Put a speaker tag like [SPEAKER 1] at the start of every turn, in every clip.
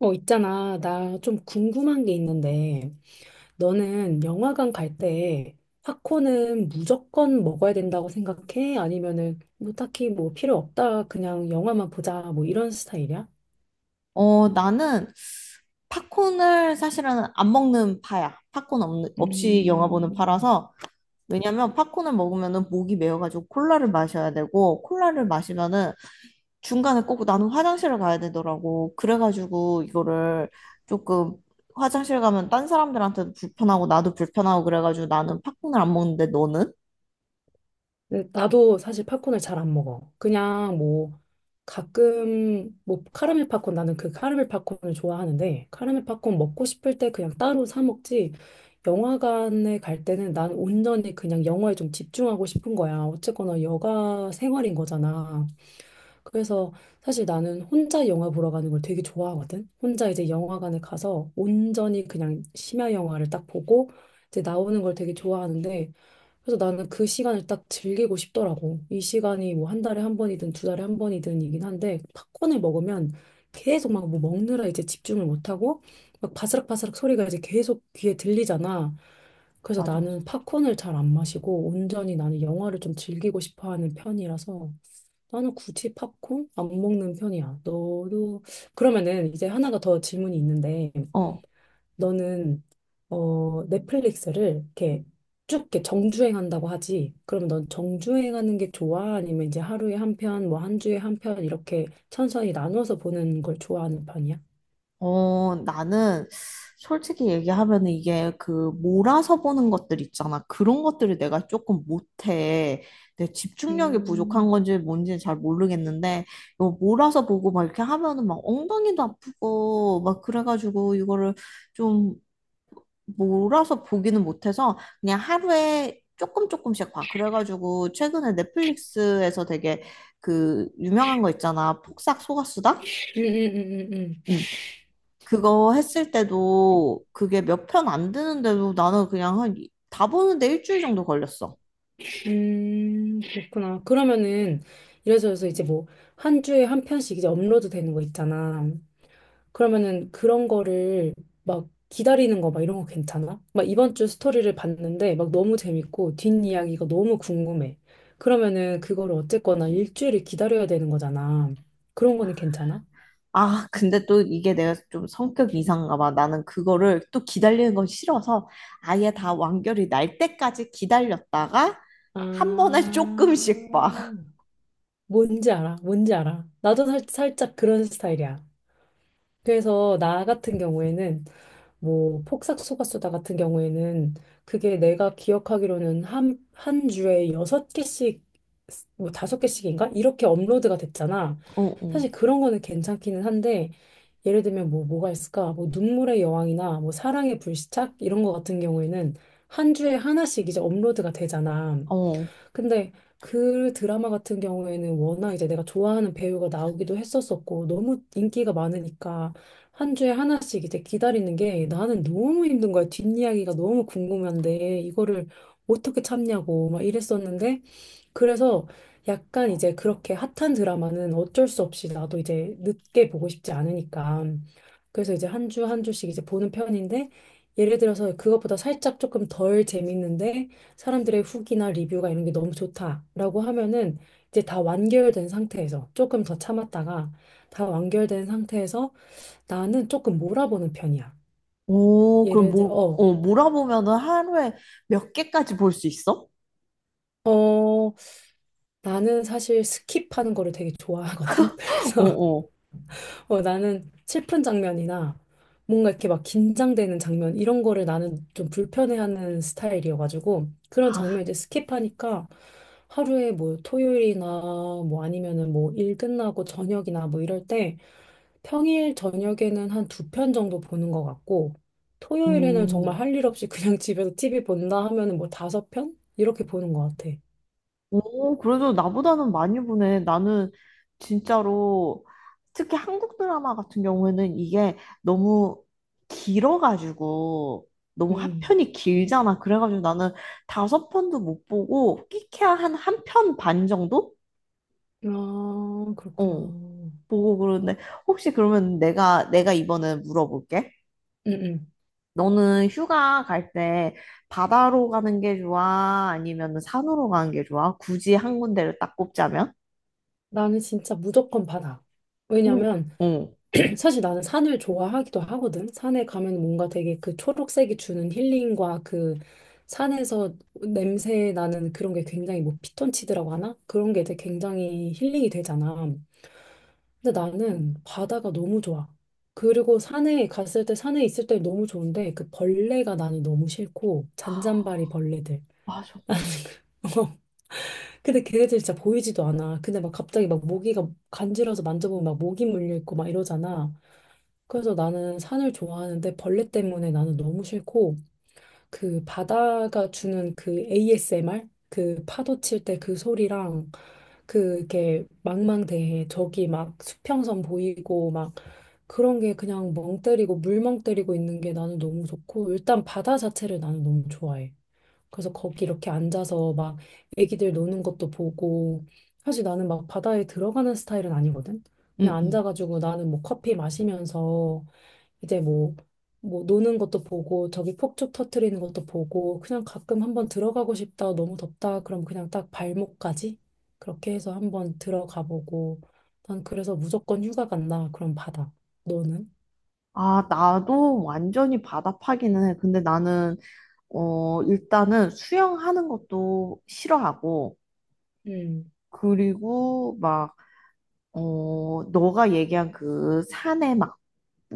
[SPEAKER 1] 있잖아. 나 좀 궁금한 게 있는데, 너는 영화관 갈 때 팝콘은 무조건 먹어야 된다고 생각해? 아니면은 뭐 딱히 뭐 필요 없다. 그냥 영화만 보자. 뭐 이런 스타일이야?
[SPEAKER 2] 나는 팝콘을 사실은 안 먹는 파야. 팝콘 없이 영화 보는
[SPEAKER 1] 음.
[SPEAKER 2] 파라서. 왜냐면 팝콘을 먹으면은 목이 메어가지고 콜라를 마셔야 되고, 콜라를 마시면은 중간에 꼭 나는 화장실을 가야 되더라고. 그래가지고 이거를 조금 화장실 가면 딴 사람들한테도 불편하고 나도 불편하고 그래가지고 나는 팝콘을 안 먹는데 너는?
[SPEAKER 1] 근데 나도 사실 팝콘을 잘 안 먹어. 그냥 뭐 가끔 뭐 카라멜 팝콘 나는 그 카라멜 팝콘을 좋아하는데 카라멜 팝콘 먹고 싶을 때 그냥 따로 사 먹지. 영화관에 갈 때는 난 온전히 그냥 영화에 좀 집중하고 싶은 거야. 어쨌거나 여가 생활인 거잖아. 그래서 사실 나는 혼자 영화 보러 가는 걸 되게 좋아하거든. 혼자 이제 영화관에 가서 온전히 그냥 심야 영화를 딱 보고 이제 나오는 걸 되게 좋아하는데, 그래서 나는 그 시간을 딱 즐기고 싶더라고. 이 시간이 뭐 한 달에 한 번이든 두 달에 한 번이든이긴 한데 팝콘을 먹으면 계속 막 뭐 먹느라 이제 집중을 못하고 막 바스락바스락 소리가 이제 계속 귀에 들리잖아. 그래서
[SPEAKER 2] 맞아, 맞아.
[SPEAKER 1] 나는 팝콘을 잘 안 마시고 온전히 나는 영화를 좀 즐기고 싶어 하는 편이라서 나는 굳이 팝콘 안 먹는 편이야. 너도 그러면은 이제 하나가 더 질문이 있는데, 너는 넷플릭스를 이렇게 쭉 이렇게 정주행한다고 하지. 그럼 넌 정주행하는 게 좋아? 아니면 이제 하루에 한 편, 뭐 한 주에 한 편 이렇게 천천히 나눠서 보는 걸 좋아하는 편이야?
[SPEAKER 2] 나는 솔직히 얘기하면 이게 그 몰아서 보는 것들 있잖아. 그런 것들을 내가 조금 못해. 내 집중력이 부족한
[SPEAKER 1] 음,
[SPEAKER 2] 건지 뭔지는 잘 모르겠는데, 이거 몰아서 보고 막 이렇게 하면은 막 엉덩이도 아프고 막 그래가지고 이거를 좀 몰아서 보기는 못해서 그냥 하루에 조금 조금씩 봐. 그래가지고 최근에 넷플릭스에서 되게 그 유명한 거 있잖아. 폭삭 속았수다?
[SPEAKER 1] 음, 음, 음, 음,
[SPEAKER 2] 응. 그거 했을 때도 그게 몇 편 안 되는데도 나는 그냥 다 보는데 1주일 정도 걸렸어.
[SPEAKER 1] 그렇구나. 그러면은 이래저래서 이제 뭐 한 주에 한 편씩 이제 업로드 되는 거 있잖아. 그러면은 그런 거를 막 기다리는 거 막 이런 거 괜찮아? 막 이번 주 스토리를 봤는데 막 너무 재밌고 뒷이야기가 너무 궁금해. 그러면은 그거를 어쨌거나 일주일을 기다려야 되는 거잖아. 그런 거는 괜찮아?
[SPEAKER 2] 아, 근데 또 이게 내가 좀 성격 이상인가 봐. 나는 그거를 또 기다리는 건 싫어서 아예 다 완결이 날 때까지 기다렸다가 한 번에
[SPEAKER 1] 아,
[SPEAKER 2] 조금씩 봐.
[SPEAKER 1] 뭔지 알아? 뭔지 알아? 나도 살짝 그런 스타일이야. 그래서 나 같은 경우에는 뭐 폭삭 속았수다 같은 경우에는 그게 내가 기억하기로는 한 주에 여섯 개씩 뭐 다섯 개씩인가 이렇게 업로드가 됐잖아.
[SPEAKER 2] 어, 어,
[SPEAKER 1] 사실 그런 거는 괜찮기는 한데 예를 들면 뭐 뭐가 있을까? 뭐 눈물의 여왕이나 뭐 사랑의 불시착 이런 거 같은 경우에는 한 주에 하나씩 이제 업로드가 되잖아.
[SPEAKER 2] 어.
[SPEAKER 1] 근데 그 드라마 같은 경우에는 워낙 이제 내가 좋아하는 배우가 나오기도 했었었고 너무 인기가 많으니까 한 주에 하나씩 이제 기다리는 게 나는 너무 힘든 거야. 뒷이야기가 너무 궁금한데 이거를 어떻게 참냐고 막 이랬었는데, 그래서 약간 이제 그렇게 핫한 드라마는 어쩔 수 없이 나도 이제 늦게 보고 싶지 않으니까. 그래서 이제 한 주 한 주씩 이제 보는 편인데, 예를 들어서 그것보다 살짝 조금 덜 재밌는데, 사람들의 후기나 리뷰가 이런 게 너무 좋다라고 하면은 이제 다 완결된 상태에서 조금 더 참았다가 다 완결된 상태에서 나는 조금 몰아보는 편이야.
[SPEAKER 2] 오, 그럼
[SPEAKER 1] 예를 들어,
[SPEAKER 2] 뭐, 어, 몰아보면은 하루에 몇 개까지 볼 수 있어?
[SPEAKER 1] 어, 나는 사실 스킵하는 거를 되게 좋아하거든.
[SPEAKER 2] 어,
[SPEAKER 1] 그래서
[SPEAKER 2] 어.
[SPEAKER 1] 나는 슬픈 장면이나 뭔가 이렇게 막 긴장되는 장면 이런 거를 나는 좀 불편해하는 스타일이어가지고 그런
[SPEAKER 2] 아,
[SPEAKER 1] 장면 이제 스킵하니까 하루에 뭐 토요일이나 뭐 아니면은 뭐 일 끝나고 저녁이나 뭐 이럴 때 평일 저녁에는 한 두 편 정도 보는 것 같고 토요일에는
[SPEAKER 2] 음.
[SPEAKER 1] 정말 할 일 없이 그냥 집에서 TV 본다 하면은 뭐 다섯 편 이렇게 보는 것 같아.
[SPEAKER 2] 오, 그래도 나보다는 많이 보네. 나는 진짜로 특히 한국 드라마 같은 경우에는 이게 너무 길어가지고 너무 한
[SPEAKER 1] 음.
[SPEAKER 2] 편이 길잖아. 그래가지고 나는 다섯 편도 못 보고 끼케야 한 편 반 정도?
[SPEAKER 1] 아, 그렇구나.
[SPEAKER 2] 어, 보고 그러는데 혹시 그러면 내가 이번에 물어볼게.
[SPEAKER 1] 응,
[SPEAKER 2] 너는 휴가 갈 때 바다로 가는 게 좋아? 아니면 산으로 가는 게 좋아? 굳이 한 군데를 딱 꼽자면?
[SPEAKER 1] 나는 진짜 무조건 바다.
[SPEAKER 2] 응,
[SPEAKER 1] 왜냐면
[SPEAKER 2] 응,
[SPEAKER 1] 사실 나는 산을 좋아하기도 하거든. 산에 가면 뭔가 되게 그 초록색이 주는 힐링과 그 산에서 냄새 나는 그런 게 굉장히 뭐 피톤치드라고 하나? 그런 게 되게 굉장히 힐링이 되잖아. 근데 나는 바다가 너무 좋아. 그리고 산에 갔을 때 산에 있을 때 너무 좋은데 그 벌레가 나는 너무 싫고 잔잔바리 벌레들.
[SPEAKER 2] 맞아.
[SPEAKER 1] 근데 걔네들 진짜 보이지도 않아. 근데 막 갑자기 막 모기가 간지러워서 만져보면 막 모기 물려있고 막 이러잖아. 그래서 나는 산을 좋아하는데 벌레 때문에 나는 너무 싫고 그 바다가 주는 그 ASMR? 그 파도 칠 때 그 소리랑 그 이렇게 망망대해 저기 막 수평선 보이고 막 그런 게 그냥 멍 때리고 물멍 때리고 있는 게 나는 너무 좋고 일단 바다 자체를 나는 너무 좋아해. 그래서 거기 이렇게 앉아서 막 애기들 노는 것도 보고 사실 나는 막 바다에 들어가는 스타일은 아니거든. 그냥
[SPEAKER 2] 응, 응.
[SPEAKER 1] 앉아가지고 나는 뭐 커피 마시면서 이제 뭐 뭐 노는 것도 보고 저기 폭죽 터트리는 것도 보고 그냥 가끔 한번 들어가고 싶다 너무 덥다 그럼 그냥 딱 발목까지 그렇게 해서 한번 들어가 보고 난 그래서 무조건 휴가 간다 그럼 바다. 너는?
[SPEAKER 2] 아, 나도 완전히 바다파기는 해. 근데 일단은 수영하는 것도 싫어하고,
[SPEAKER 1] 음,
[SPEAKER 2] 그리고 너가 얘기한 그 산에 막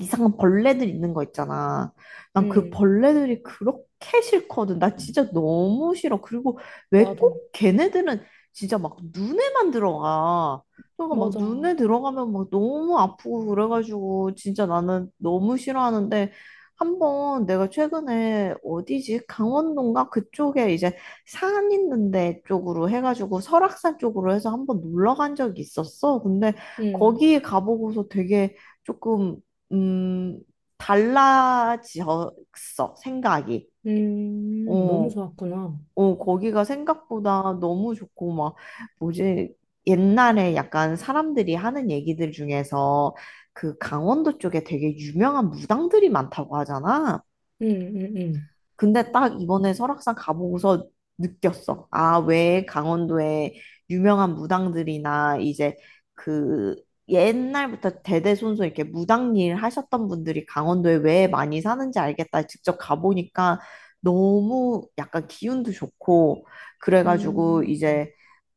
[SPEAKER 2] 이상한 벌레들 있는 거 있잖아. 난 그
[SPEAKER 1] 음,
[SPEAKER 2] 벌레들이 그렇게 싫거든. 나 진짜 너무 싫어. 그리고 왜
[SPEAKER 1] 나도
[SPEAKER 2] 꼭 걔네들은 진짜 막 눈에만 들어가. 그러니까 막
[SPEAKER 1] 맞아.
[SPEAKER 2] 눈에 들어가면 막 너무 아프고 그래가지고 진짜 나는 너무 싫어하는데 한번 내가 최근에 어디지? 강원도인가? 그쪽에 이제 산 있는데 쪽으로 해가지고 설악산 쪽으로 해서 한번 놀러 간 적이 있었어. 근데
[SPEAKER 1] 음,
[SPEAKER 2] 거기 가보고서 되게 조금 음, 달라졌어, 생각이.
[SPEAKER 1] 너무
[SPEAKER 2] 어,
[SPEAKER 1] 좋았구나.
[SPEAKER 2] 거기가 생각보다 너무 좋고, 뭐지, 옛날에 약간 사람들이 하는 얘기들 중에서 그 강원도 쪽에 되게 유명한 무당들이 많다고 하잖아.
[SPEAKER 1] 음, 음, 음.
[SPEAKER 2] 근데 딱 이번에 설악산 가보고서 느꼈어. 아, 왜 강원도에 유명한 무당들이나 이제 그 옛날부터 대대손손 이렇게 무당 일 하셨던 분들이 강원도에 왜 많이 사는지 알겠다. 직접 가보니까 너무 약간 기운도 좋고 그래가지고
[SPEAKER 1] 음,
[SPEAKER 2] 이제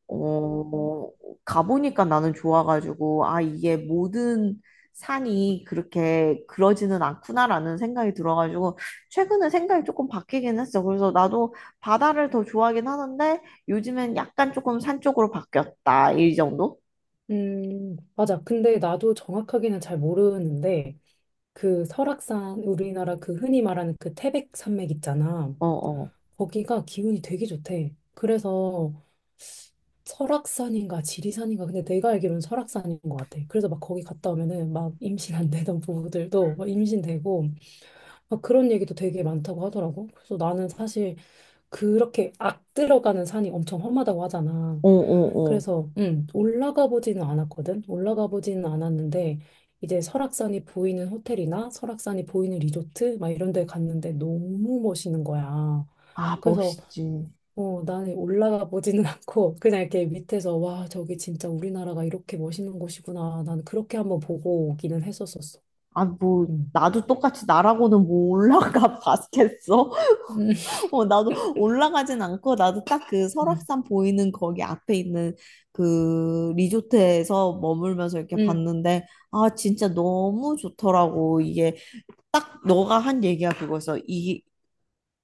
[SPEAKER 2] 어, 가보니까 나는 좋아가지고, 아, 이게 모든 산이 그렇게 그러지는 않구나라는 생각이 들어가지고, 최근에 생각이 조금 바뀌긴 했어. 그래서 나도 바다를 더 좋아하긴 하는데, 요즘엔 약간 조금 산 쪽으로 바뀌었다. 이 정도?
[SPEAKER 1] 맞아. 근데 나도 정확하게는 잘 모르는데, 그 설악산, 우리나라 그 흔히 말하는 그 태백 산맥 있잖아.
[SPEAKER 2] 어, 어,
[SPEAKER 1] 거기가 기운이 되게 좋대. 그래서 설악산인가 지리산인가. 근데 내가 알기로는 설악산인 것 같아. 그래서 막 거기 갔다 오면은 막 임신 안 되던 부부들도 막 임신되고, 막 그런 얘기도 되게 많다고 하더라고. 그래서 나는 사실 그렇게 악 들어가는 산이 엄청 험하다고 하잖아.
[SPEAKER 2] 어, 어, 어.
[SPEAKER 1] 그래서 올라가 보지는 않았거든. 올라가 보지는 않았는데 이제 설악산이 보이는 호텔이나 설악산이 보이는 리조트 막 이런 데 갔는데 너무 멋있는 거야.
[SPEAKER 2] 아,
[SPEAKER 1] 그래서
[SPEAKER 2] 멋있지.
[SPEAKER 1] 나는 올라가 보지는 않고 그냥 이렇게 밑에서 와, 저기 진짜 우리나라가 이렇게 멋있는 곳이구나. 나는 그렇게 한번 보고 오기는 했었었어.
[SPEAKER 2] 아, 뭐,
[SPEAKER 1] 음.
[SPEAKER 2] 나도 똑같이 나라고는 뭐 올라가 봤겠어?
[SPEAKER 1] 음,
[SPEAKER 2] 나도 올라가진 않고 나도 딱 그
[SPEAKER 1] 음.
[SPEAKER 2] 설악산 보이는 거기 앞에 있는 그 리조트에서 머물면서 이렇게
[SPEAKER 1] 음.
[SPEAKER 2] 봤는데 아 진짜 너무 좋더라고 이게 딱 너가 한 얘기가 그거였어 이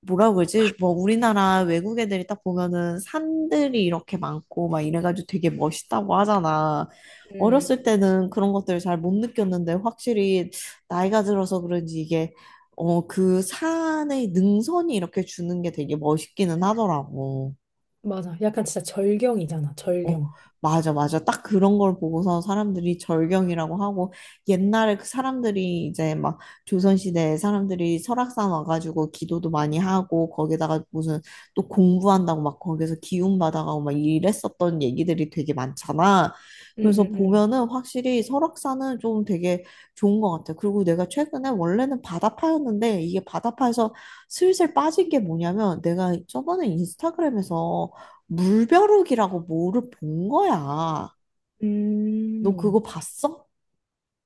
[SPEAKER 2] 뭐라 고 그러지? 뭐 우리나라 외국 애들이 딱 보면은 산들이 이렇게 많고 막 이래가지고 되게 멋있다고 하잖아.
[SPEAKER 1] 음.
[SPEAKER 2] 어렸을 때는 그런 것들을 잘 못 느꼈는데 확실히 나이가 들어서 그런지 이게 그 산의 능선이 이렇게 주는 게 되게 멋있기는 하더라고.
[SPEAKER 1] 맞아. 약간 진짜 절경이잖아.
[SPEAKER 2] 어,
[SPEAKER 1] 절경.
[SPEAKER 2] 맞아, 맞아. 딱 그런 걸 보고서 사람들이 절경이라고 하고, 옛날에 그 사람들이 이제 막 조선시대에 사람들이 설악산 와가지고 기도도 많이 하고, 거기다가 무슨 또 공부한다고 막 거기서 기운 받아가고 막 이랬었던 얘기들이 되게 많잖아.
[SPEAKER 1] 음.
[SPEAKER 2] 그래서
[SPEAKER 1] 음. 음.
[SPEAKER 2] 보면은 확실히 설악산은 좀 되게 좋은 것 같아. 그리고 내가 최근에 원래는 바다파였는데, 이게 바다파에서 슬슬 빠진 게 뭐냐면, 내가 저번에 인스타그램에서 물벼룩이라고 뭐를 본 거야. 너 그거
[SPEAKER 1] 음.
[SPEAKER 2] 봤어?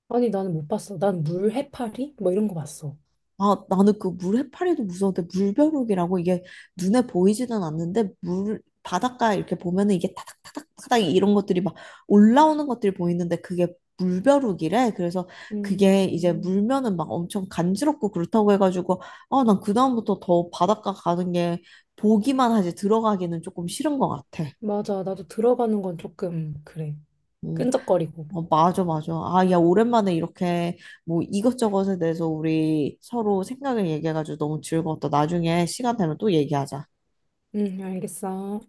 [SPEAKER 1] 아니, 나는 못 봤어. 난 물 해파리? 뭐 이런 거 봤어.
[SPEAKER 2] 아, 나는 그 물 해파리도 무서운데 물벼룩이라고 이게 눈에 보이지는 않는데 물 바닷가 이렇게 보면은 이게 타닥타닥타닥 이런 것들이 막 올라오는 것들이 보이는데 그게 물벼룩이래. 그래서 그게 이제
[SPEAKER 1] 음,
[SPEAKER 2] 물면은 막 엄청 간지럽고 그렇다고 해가지고 아, 난 그다음부터 더 바닷가 가는 게 보기만 하지 들어가기는 조금 싫은 것 같아.
[SPEAKER 1] 맞아. 나도 들어가는 건 조금, 그래.
[SPEAKER 2] 어,
[SPEAKER 1] 끈적거리고.
[SPEAKER 2] 어, 맞아, 맞아. 아, 야, 오랜만에 이렇게 뭐 이것저것에 대해서 우리 서로 생각을 얘기해가지고 너무 즐거웠다. 나중에 시간 되면 또 얘기하자.
[SPEAKER 1] 응, 알겠어.